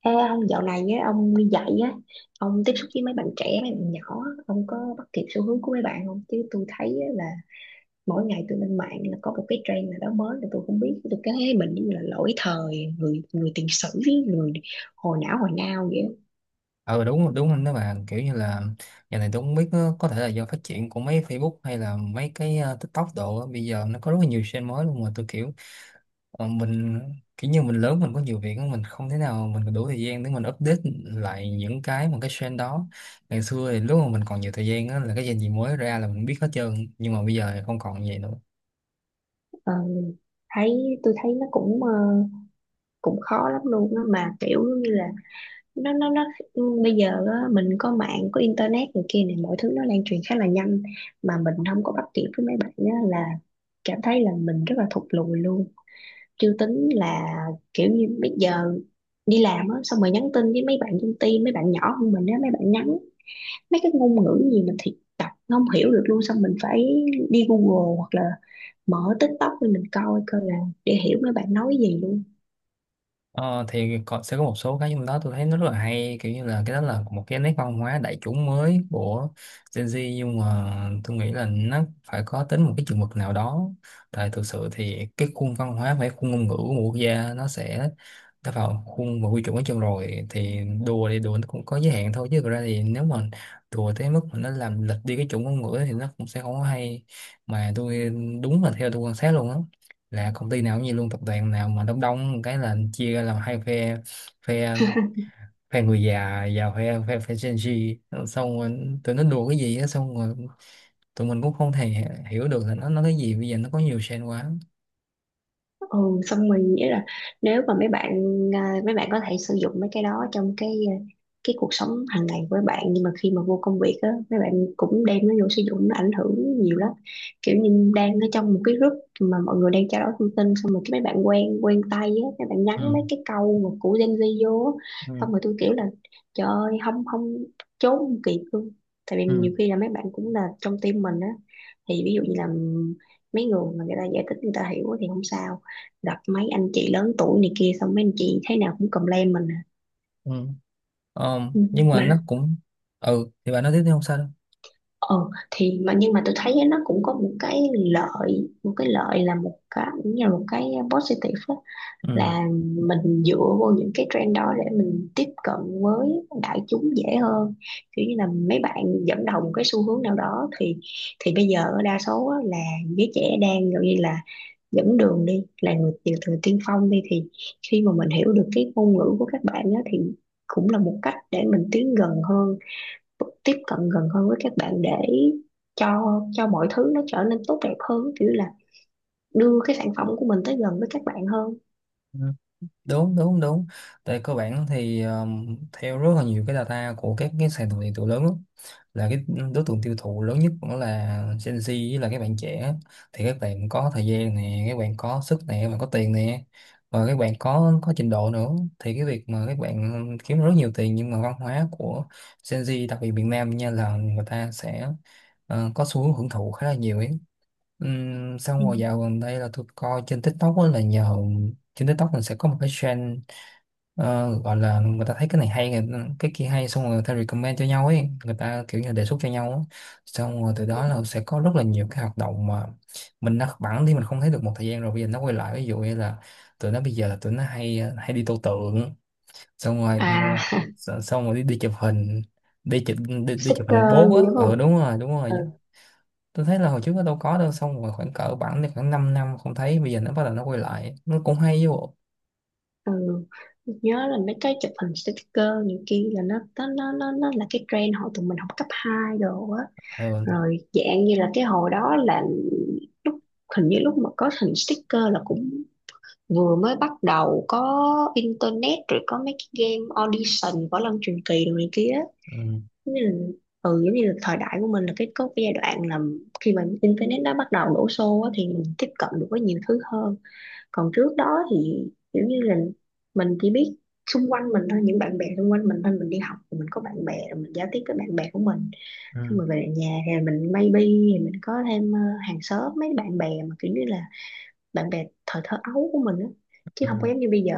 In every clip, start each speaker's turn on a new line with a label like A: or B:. A: Ê ông dạo này á, ông đi dạy á, ông tiếp xúc với mấy bạn trẻ, mấy bạn nhỏ, ông có bắt kịp xu hướng của mấy bạn không? Chứ tôi thấy á, là mỗi ngày tôi lên mạng là có một cái trend nào đó mới là tôi không biết, tôi cứ thấy mình như là lỗi thời, người người tiền sử, người hồi não hồi now vậy. Á.
B: Ừ, đúng đúng. Anh đó bà kiểu như là giờ này tôi không biết, có thể là do phát triển của mấy Facebook hay là mấy cái TikTok đồ á. Bây giờ nó có rất là nhiều trend mới luôn mà tôi kiểu mình kiểu như mình lớn, mình có nhiều việc á, mình không thể nào mình đủ thời gian để mình update lại những cái mà cái trend đó. Ngày xưa thì lúc mà mình còn nhiều thời gian á, là cái trend gì mới ra là mình biết hết trơn, nhưng mà bây giờ thì không còn vậy nữa.
A: Ờ, thấy tôi thấy nó cũng cũng khó lắm luôn á, mà kiểu như là nó ừ, bây giờ á, mình có mạng có internet này kia này mọi thứ nó lan truyền khá là nhanh mà mình không có bắt kịp với mấy bạn á, là cảm thấy là mình rất là thụt lùi luôn, chưa tính là kiểu như bây giờ đi làm á xong rồi nhắn tin với mấy bạn trong team, mấy bạn nhỏ hơn mình á, mấy bạn nhắn mấy cái ngôn ngữ gì mình thì đọc không hiểu được luôn, xong mình phải đi Google hoặc là mở TikTok để mình coi coi là để hiểu mấy bạn nói gì luôn.
B: Ờ, thì có, sẽ có một số cái trong đó tôi thấy nó rất là hay, kiểu như là cái đó là một cái nét văn hóa đại chúng mới của Gen Z, nhưng mà tôi nghĩ là nó phải có tính một cái chừng mực nào đó. Tại thực sự thì cái khuôn văn hóa và cái khuôn ngôn ngữ của một quốc gia nó sẽ đã vào khuôn và quy chuẩn ở chân rồi, thì đùa nó cũng có giới hạn thôi, chứ thực ra thì nếu mà đùa tới mức mà nó làm lệch đi cái chuẩn ngôn ngữ thì nó cũng sẽ không có hay. Mà tôi, đúng là theo tôi quan sát luôn á, là công ty nào cũng như luôn, tập đoàn nào mà đông đông cái là chia ra làm hai phe phe phe người già và phe phe phe Gen Z. Xong rồi tụi nó đùa cái gì á, xong rồi tụi mình cũng không thể hiểu được là nó nói cái gì. Bây giờ nó có nhiều trend quá.
A: Ừ, xong mình nghĩ là nếu mà mấy bạn mấy bạn có thể sử dụng mấy cái đó trong cái cuộc sống hàng ngày với bạn, nhưng mà khi mà vô công việc á mấy bạn cũng đem nó vô sử dụng nó ảnh hưởng nhiều lắm, kiểu như đang ở trong một cái group mà mọi người đang trao đổi thông tin, xong rồi cái mấy bạn quen quen tay á mấy bạn nhắn
B: Ừ.
A: mấy cái câu mà của Gen Z vô á,
B: Ừ.
A: xong rồi tôi kiểu là trời ơi, không không, trốn không kịp luôn. Tại vì
B: Ừ.
A: nhiều khi là mấy bạn cũng là trong team mình á, thì ví dụ như là mấy người mà người ta giải thích người ta hiểu thì không sao, gặp mấy anh chị lớn tuổi này kia xong mấy anh chị thế nào cũng complain mình à.
B: Ừ. Ờ,
A: Ừ.
B: nhưng mà
A: Mà
B: nó cũng. Ừ, thì bạn nói tiếp đi, không sao đâu.
A: ờ thì mà nhưng mà tôi thấy nó cũng có một cái lợi, một cái lợi là một cái cũng như là một cái positive á, là mình dựa vô những cái trend đó để mình tiếp cận với đại chúng dễ hơn, kiểu như là mấy bạn dẫn đầu một cái xu hướng nào đó thì bây giờ đa số á, là giới trẻ đang gần như là dẫn đường đi, là người tiểu thừa tiên phong đi, thì khi mà mình hiểu được cái ngôn ngữ của các bạn á thì cũng là một cách để mình tiến gần hơn, tiếp cận gần hơn với các bạn để cho mọi thứ nó trở nên tốt đẹp hơn, kiểu là đưa cái sản phẩm của mình tới gần với các bạn hơn.
B: Ừ, đúng đúng đúng. Tại cơ bản thì theo rất là nhiều cái data của các cái sàn thương mại điện tử lớn á, là cái đối tượng tiêu thụ lớn nhất cũng là Gen Z với là các bạn trẻ. Thì các bạn có thời gian nè, các bạn có sức nè, các bạn có tiền nè, và các bạn có trình độ nữa. Thì cái việc mà các bạn kiếm rất nhiều tiền, nhưng mà văn hóa của Gen Z đặc biệt miền Nam nha, là người ta sẽ có xu hướng hưởng thụ khá là nhiều ấy. Xong
A: Ừ.
B: rồi dạo gần đây là tôi coi trên TikTok á, là nhờ trên TikTok mình sẽ có một cái trend gọi là người ta thấy cái này hay, cái kia hay, xong rồi người ta recommend cho nhau ấy, người ta kiểu như đề xuất cho nhau á. Xong rồi từ đó là sẽ có rất là nhiều cái hoạt động mà mình đã bẵng đi, mình không thấy được một thời gian rồi, bây giờ nó quay lại. Ví dụ như là tụi nó bây giờ là tụi nó hay đi tô tượng. Xong rồi
A: À
B: xong rồi đi, đi chụp hình, đi chụp, đi chụp hình
A: sticker
B: bố
A: gì
B: á.
A: đúng
B: Ờ,
A: không.
B: đúng rồi đúng
A: Ừ.
B: rồi. Tôi thấy là hồi trước nó đâu có đâu, xong rồi khoảng cỡ bản thì khoảng 5 năm không thấy, bây giờ nó bắt đầu nó quay lại, nó cũng hay chứ bộ.
A: Ừ. Nhớ là mấy cái chụp hình sticker những kia là nó là cái trend hồi tụi mình học cấp 2 đồ á,
B: Ừ.
A: rồi dạng như là cái hồi đó là lúc, hình như lúc mà có hình sticker là cũng vừa mới bắt đầu có internet, rồi có mấy cái game audition võ lâm truyền kỳ rồi này kia á.
B: Ừ.
A: Giống như là, ừ giống như là thời đại của mình là cái có cái giai đoạn là khi mà internet nó bắt đầu đổ xô á, thì mình tiếp cận được với nhiều thứ hơn. Còn trước đó thì kiểu như là mình chỉ biết xung quanh mình thôi, những bạn bè xung quanh mình thôi, mình đi học thì mình có bạn bè rồi mình giao tiếp với bạn bè của mình, xong
B: Ừ.
A: rồi về lại nhà thì mình maybe thì mình có thêm hàng xóm, mấy bạn bè mà kiểu như là bạn bè thời thơ ấu của mình á, chứ không có
B: Ừ.
A: giống như bây giờ.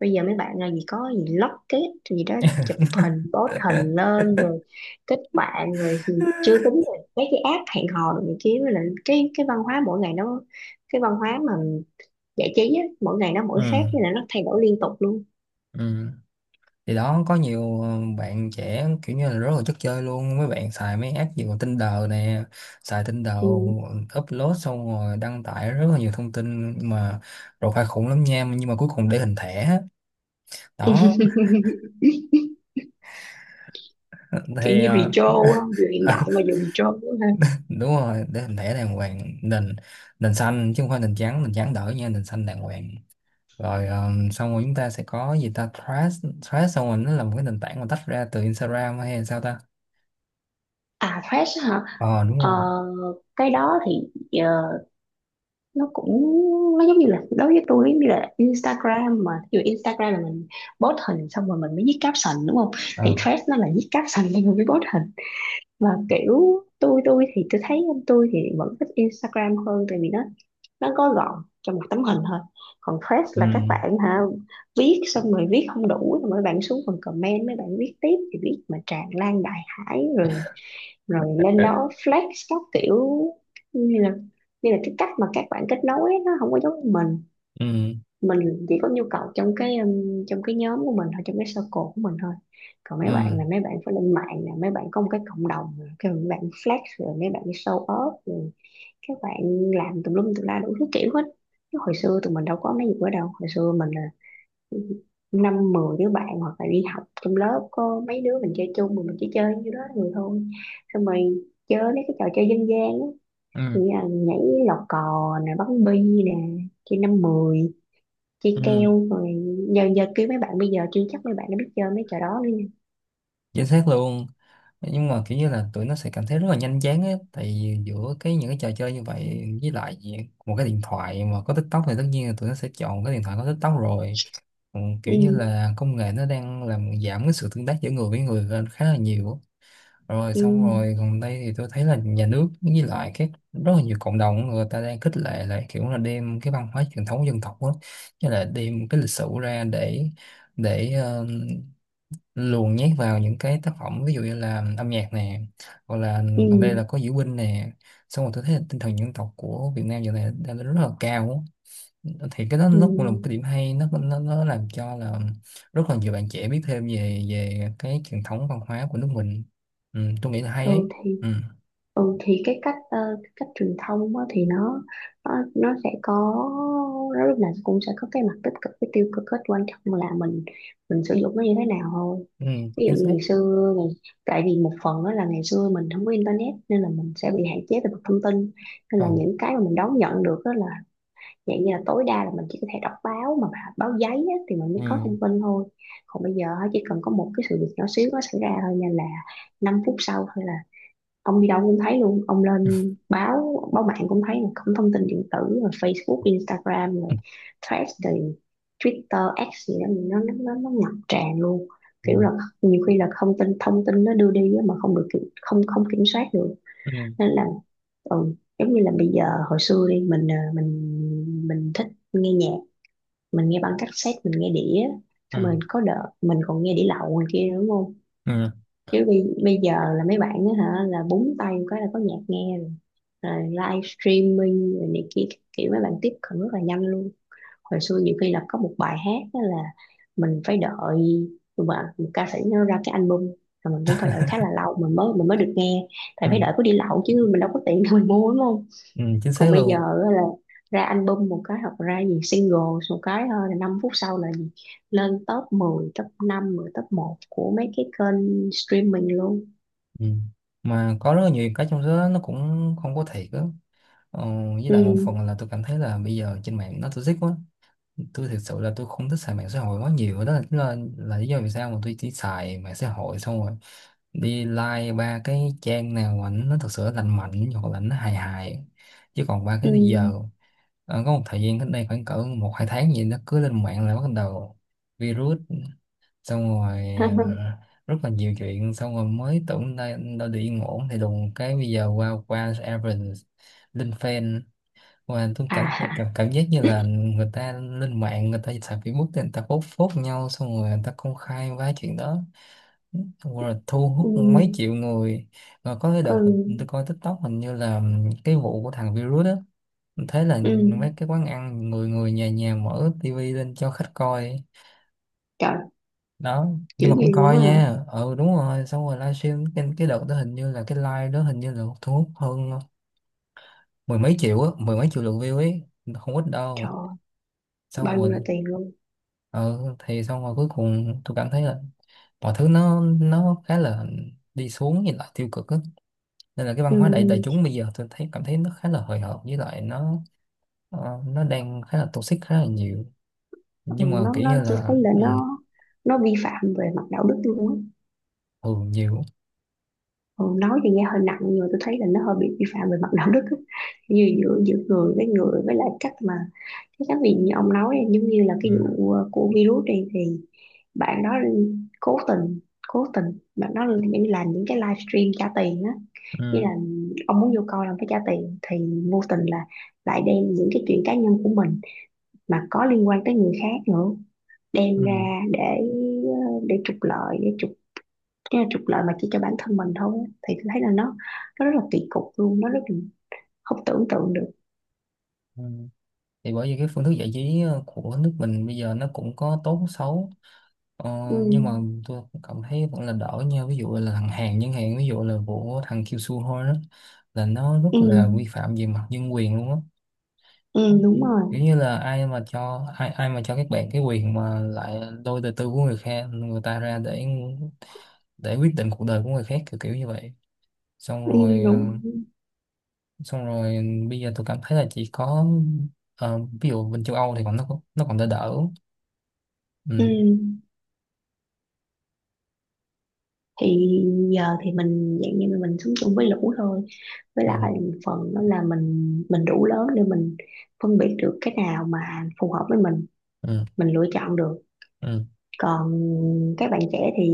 A: Bây giờ mấy bạn là gì có gì lót kết gì đó, chụp hình post hình lên rồi kết bạn rồi, thì chưa tính là mấy cái app hẹn hò rồi này kia, với lại cái văn hóa mỗi ngày nó cái văn hóa mà giải trí á mỗi ngày nó mỗi
B: Ừ.
A: khác, nên là nó thay đổi liên tục luôn.
B: Ừ. Thì đó có nhiều bạn trẻ kiểu như là rất là chất chơi luôn, mấy bạn xài mấy app gì còn Tinder nè, xài Tinder
A: Ừ.
B: upload xong rồi đăng tải rất là nhiều thông tin, mà profile khủng lắm nha, nhưng mà cuối cùng để hình thẻ á. Đó
A: Kiểu
B: thì
A: như retro á, vừa hiện đại mà vừa retro nữa ha.
B: đúng rồi, để hình thẻ đàng hoàng, nền nền xanh chứ không phải nền trắng, nền trắng đỡ nha, nền xanh đàng hoàng rồi. Xong rồi chúng ta sẽ có gì ta, Threads Threads xong rồi, nó là một cái nền tảng mà tách ra từ Instagram hay là sao ta?
A: À fresh hả?
B: Ờ, đúng
A: Ờ,
B: không?
A: cái đó thì ờ, nó cũng nó giống như là, đối với tôi giống như là Instagram, mà ví dụ Instagram là mình post hình xong rồi mình mới viết caption đúng không, thì
B: Ờ.
A: Threads nó là viết caption lên rồi mới post hình. Và kiểu tôi thì tôi thấy, tôi thì vẫn thích Instagram hơn tại vì nó có gọn trong một tấm hình thôi. Còn Threads
B: Ừ.
A: là các bạn hả viết xong rồi viết không đủ rồi mấy bạn xuống phần comment mấy bạn viết tiếp, thì viết mà tràn lan đại hải rồi, rồi lên
B: Ờ.
A: đó flex các kiểu, như là như là cái cách mà các bạn kết nối ấy, nó không có giống mình.
B: Ừ.
A: Mình chỉ có nhu cầu trong cái nhóm của mình thôi, trong cái circle của mình thôi. Còn
B: Ừ.
A: mấy bạn là mấy bạn phải lên mạng nè, mấy bạn có một cái cộng đồng nè, cái mấy bạn flex rồi mấy bạn show off rồi, các bạn làm tùm lum tùm la đủ thứ kiểu hết. Chứ hồi xưa tụi mình đâu có mấy gì đó đâu, hồi xưa mình là năm mười đứa bạn hoặc là đi học trong lớp có mấy đứa mình chơi chung, mà mình chỉ chơi như đó người thôi, xong rồi chơi mấy cái trò chơi dân gian á,
B: Ừ.
A: như là nhảy lò cò nè, bắn bi nè, chơi năm mười, chơi
B: Ừ.
A: keo rồi giờ giờ kêu mấy bạn bây giờ chưa chắc mấy bạn đã biết chơi mấy trò đó nữa nha.
B: Chính xác luôn. Nhưng mà kiểu như là tụi nó sẽ cảm thấy rất là nhanh chán á, tại vì giữa cái những cái trò chơi như vậy với lại một cái điện thoại mà có TikTok thì tất nhiên là tụi nó sẽ chọn cái điện thoại có TikTok rồi. Ừ, kiểu như
A: Ừ,
B: là công nghệ nó đang làm giảm cái sự tương tác giữa người với người lên khá là nhiều á. Rồi
A: ừ,
B: xong rồi gần đây thì tôi thấy là nhà nước với lại các rất là nhiều cộng đồng người ta đang khích lệ lại, kiểu là đem cái văn hóa truyền thống dân tộc đó, như là đem cái lịch sử ra để để ờ, luồn nhét vào những cái tác phẩm, ví dụ như là âm nhạc nè, hoặc là
A: ừ,
B: còn đây là có diễu binh nè. Xong rồi tôi thấy là tinh thần dân tộc của Việt Nam giờ này đang rất là cao á. Thì cái đó nó cũng là một cái
A: ừ.
B: điểm hay, nó làm cho là rất là nhiều bạn trẻ biết thêm về về cái truyền thống văn hóa của nước mình. Ừ, tôi nghĩ là hay ấy.
A: Ừ thì
B: Ừ,
A: Ừ thì cái cách cái cách truyền thông á, thì nó sẽ có, nó lúc nào cũng sẽ có cái mặt tích cực với tiêu cực hết, quan trọng là mình sử dụng nó như thế nào thôi.
B: ừ,
A: Ví
B: chính
A: dụ như
B: xác.
A: ngày xưa ngày, tại vì một phần đó là ngày xưa mình không có internet nên là mình sẽ bị hạn chế về mặt thông tin, nên là
B: Ừ.
A: những cái mà mình đón nhận được đó là dạng như là tối đa là mình chỉ có thể đọc báo mà báo giấy á, thì mình mới có
B: Ừ.
A: thông tin thôi. Còn bây giờ á, chỉ cần có một cái sự việc nhỏ xíu nó xảy ra thôi, nên là 5 phút sau thôi ông đi đâu cũng thấy luôn, ông lên báo báo mạng cũng thấy, mà không thông tin điện tử rồi Facebook Instagram rồi Threads rồi Twitter X gì đó nó ngập tràn luôn, kiểu
B: Ừ.
A: là nhiều khi là thông tin, thông tin nó đưa đi á mà không được không không kiểm soát được,
B: Ừ. Ừ.
A: nên là ừ, giống như là bây giờ hồi xưa đi mình mình thích nghe nhạc, mình nghe băng cassette mình nghe đĩa, xong
B: Ừ.
A: rồi có đợt mình còn nghe đĩa lậu ngoài kia nữa đúng không.
B: Ừ.
A: Chứ bây giờ là mấy bạn á hả là búng tay một cái là có nhạc nghe rồi, rồi live streaming rồi này kia các kiểu mấy bạn tiếp cận rất là nhanh luôn. Hồi xưa nhiều khi là có một bài hát á là mình phải đợi, mà một ca sĩ nó ra cái album rồi mình cũng phải đợi khá là lâu mình mới được nghe, tại phải
B: Ừ.
A: đợi có đi lậu chứ mình đâu có tiền để mình mua đúng không.
B: Ừ. Chính xác
A: Còn bây giờ
B: luôn.
A: á là ra album một cái hoặc ra gì single một cái thôi là 5 phút sau là gì lên top mười, top năm, mười, top một của mấy cái kênh streaming luôn.
B: Ừ. Mà có rất là nhiều cái trong số đó nó cũng không có thiệt á. ờ, với lại một
A: Ừ.
B: phần là tôi cảm thấy là bây giờ trên mạng nó toxic quá. Tôi thực sự là tôi không thích xài mạng xã hội quá nhiều, đó là lý do vì sao mà tôi chỉ xài mạng xã hội, xong rồi đi like ba cái trang nào mà nó thật sự lành mạnh hoặc là nó hài hài, chứ còn ba
A: Ừ.
B: cái bây giờ có một thời gian cách đây khoảng cỡ một hai tháng gì, nó cứ lên mạng là bắt đầu virus. Xong rồi ờ, rất là nhiều chuyện, xong rồi mới tưởng đây đâu được yên ổn, thì đùng cái bây giờ qua qua Evans lên fan. Và tôi cảm,
A: À.
B: cảm cảm giác như là người ta lên mạng, người ta xài Facebook thì người ta post phốt nhau, xong rồi người ta công khai quá chuyện đó. Đúng rồi, thu hút
A: Ừ.
B: mấy triệu người. Và có cái
A: Ừ.
B: đợt tôi coi TikTok, hình như là cái vụ của thằng virus đó. Mình thấy là
A: Ừ.
B: mấy cái quán ăn người người nhà nhà mở tivi lên cho khách coi.
A: Trời.
B: Đó.
A: Dữ
B: Nhưng mà cũng
A: vậy luôn
B: coi
A: á hả?
B: nha, ừ đúng rồi. Xong rồi livestream cái đợt đó, hình như là cái live đó hình như là thu hút hơn mười mấy triệu á, mười mấy triệu lượt view ấy, không ít đâu.
A: Trời.
B: Xong
A: Bao nhiêu là
B: rồi
A: tiền luôn.
B: ừ, thì xong rồi cuối cùng tôi cảm thấy là mọi thứ nó khá là đi xuống, nhìn lại tiêu cực á. Nên là cái văn
A: Ừ,
B: hóa đại đại chúng bây giờ tôi thấy cảm thấy nó khá là hời hợt, với lại nó nó đang khá là toxic khá là nhiều.
A: ừ
B: Nhưng mà
A: nó
B: kiểu
A: nó
B: như
A: tôi thấy
B: là
A: là
B: ừ,
A: nó vi phạm về mặt đạo đức luôn á.
B: thường nhiều.
A: Ừ, nói thì nghe hơi nặng nhưng mà tôi thấy là nó hơi bị vi phạm về mặt đạo đức á, như giữa giữa người với người, với lại cách mà Thế các vị như ông nói em giống như là cái
B: Ừ,
A: vụ của virus này thì bạn đó cố tình, cố tình bạn đó những làm những cái livestream trả tiền á, như
B: ừ,
A: là ông muốn vô coi ông phải trả tiền, thì vô tình là lại đem những cái chuyện cá nhân của mình mà có liên quan tới người khác nữa đem
B: ừ,
A: ra để để trục lợi, để trục, tức là trục lợi mà chỉ cho bản thân mình thôi á. Thì tôi thấy là nó rất là kỳ cục luôn, nó rất là không tưởng tượng được.
B: ừ. Thì bởi vì cái phương thức giải trí của nước mình bây giờ nó cũng có tốt xấu. Ờ,
A: Ừ,
B: nhưng mà tôi cũng cảm thấy vẫn là đỡ nha, ví dụ là thằng Hàn chẳng hạn, ví dụ là vụ thằng Kiều Su thôi đó, là nó rất
A: ừ,
B: là vi phạm về mặt nhân quyền luôn á.
A: ừ đúng rồi.
B: Kiểu như là ai mà cho ai, ai mà cho các bạn cái quyền mà lại lôi đời tư của người khác, người ta ra để quyết định cuộc đời của người khác, kiểu kiểu như vậy. Xong
A: Ừ,
B: rồi
A: đúng.
B: xong rồi bây giờ tôi cảm thấy là chỉ có ví dụ bên châu Âu thì còn nó nó còn đỡ đỡ.
A: Ừ.
B: Ừ.
A: Thì giờ thì mình dạng như là mình sống chung với lũ thôi, với
B: Ừ.
A: lại một phần đó là mình đủ lớn để mình phân biệt được cái nào mà phù hợp với mình
B: Ừ.
A: mình lựa chọn được.
B: Ừ.
A: Còn các bạn trẻ thì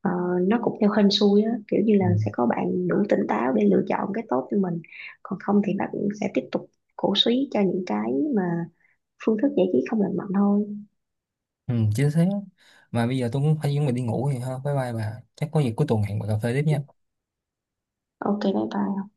A: ờ, nó cũng theo hên xui á, kiểu như là
B: Ừ,
A: sẽ có bạn đủ tỉnh táo để lựa chọn cái tốt cho mình, còn không thì bạn sẽ tiếp tục cổ suý cho những cái mà phương thức giải trí không lành mạnh thôi.
B: ừ, chính xác. Mà bây giờ tôi cũng phải chuẩn bị đi ngủ rồi ha, bye bye bà, chắc có gì cuối tuần hẹn bà cà phê tiếp nha.
A: Ok bye bye.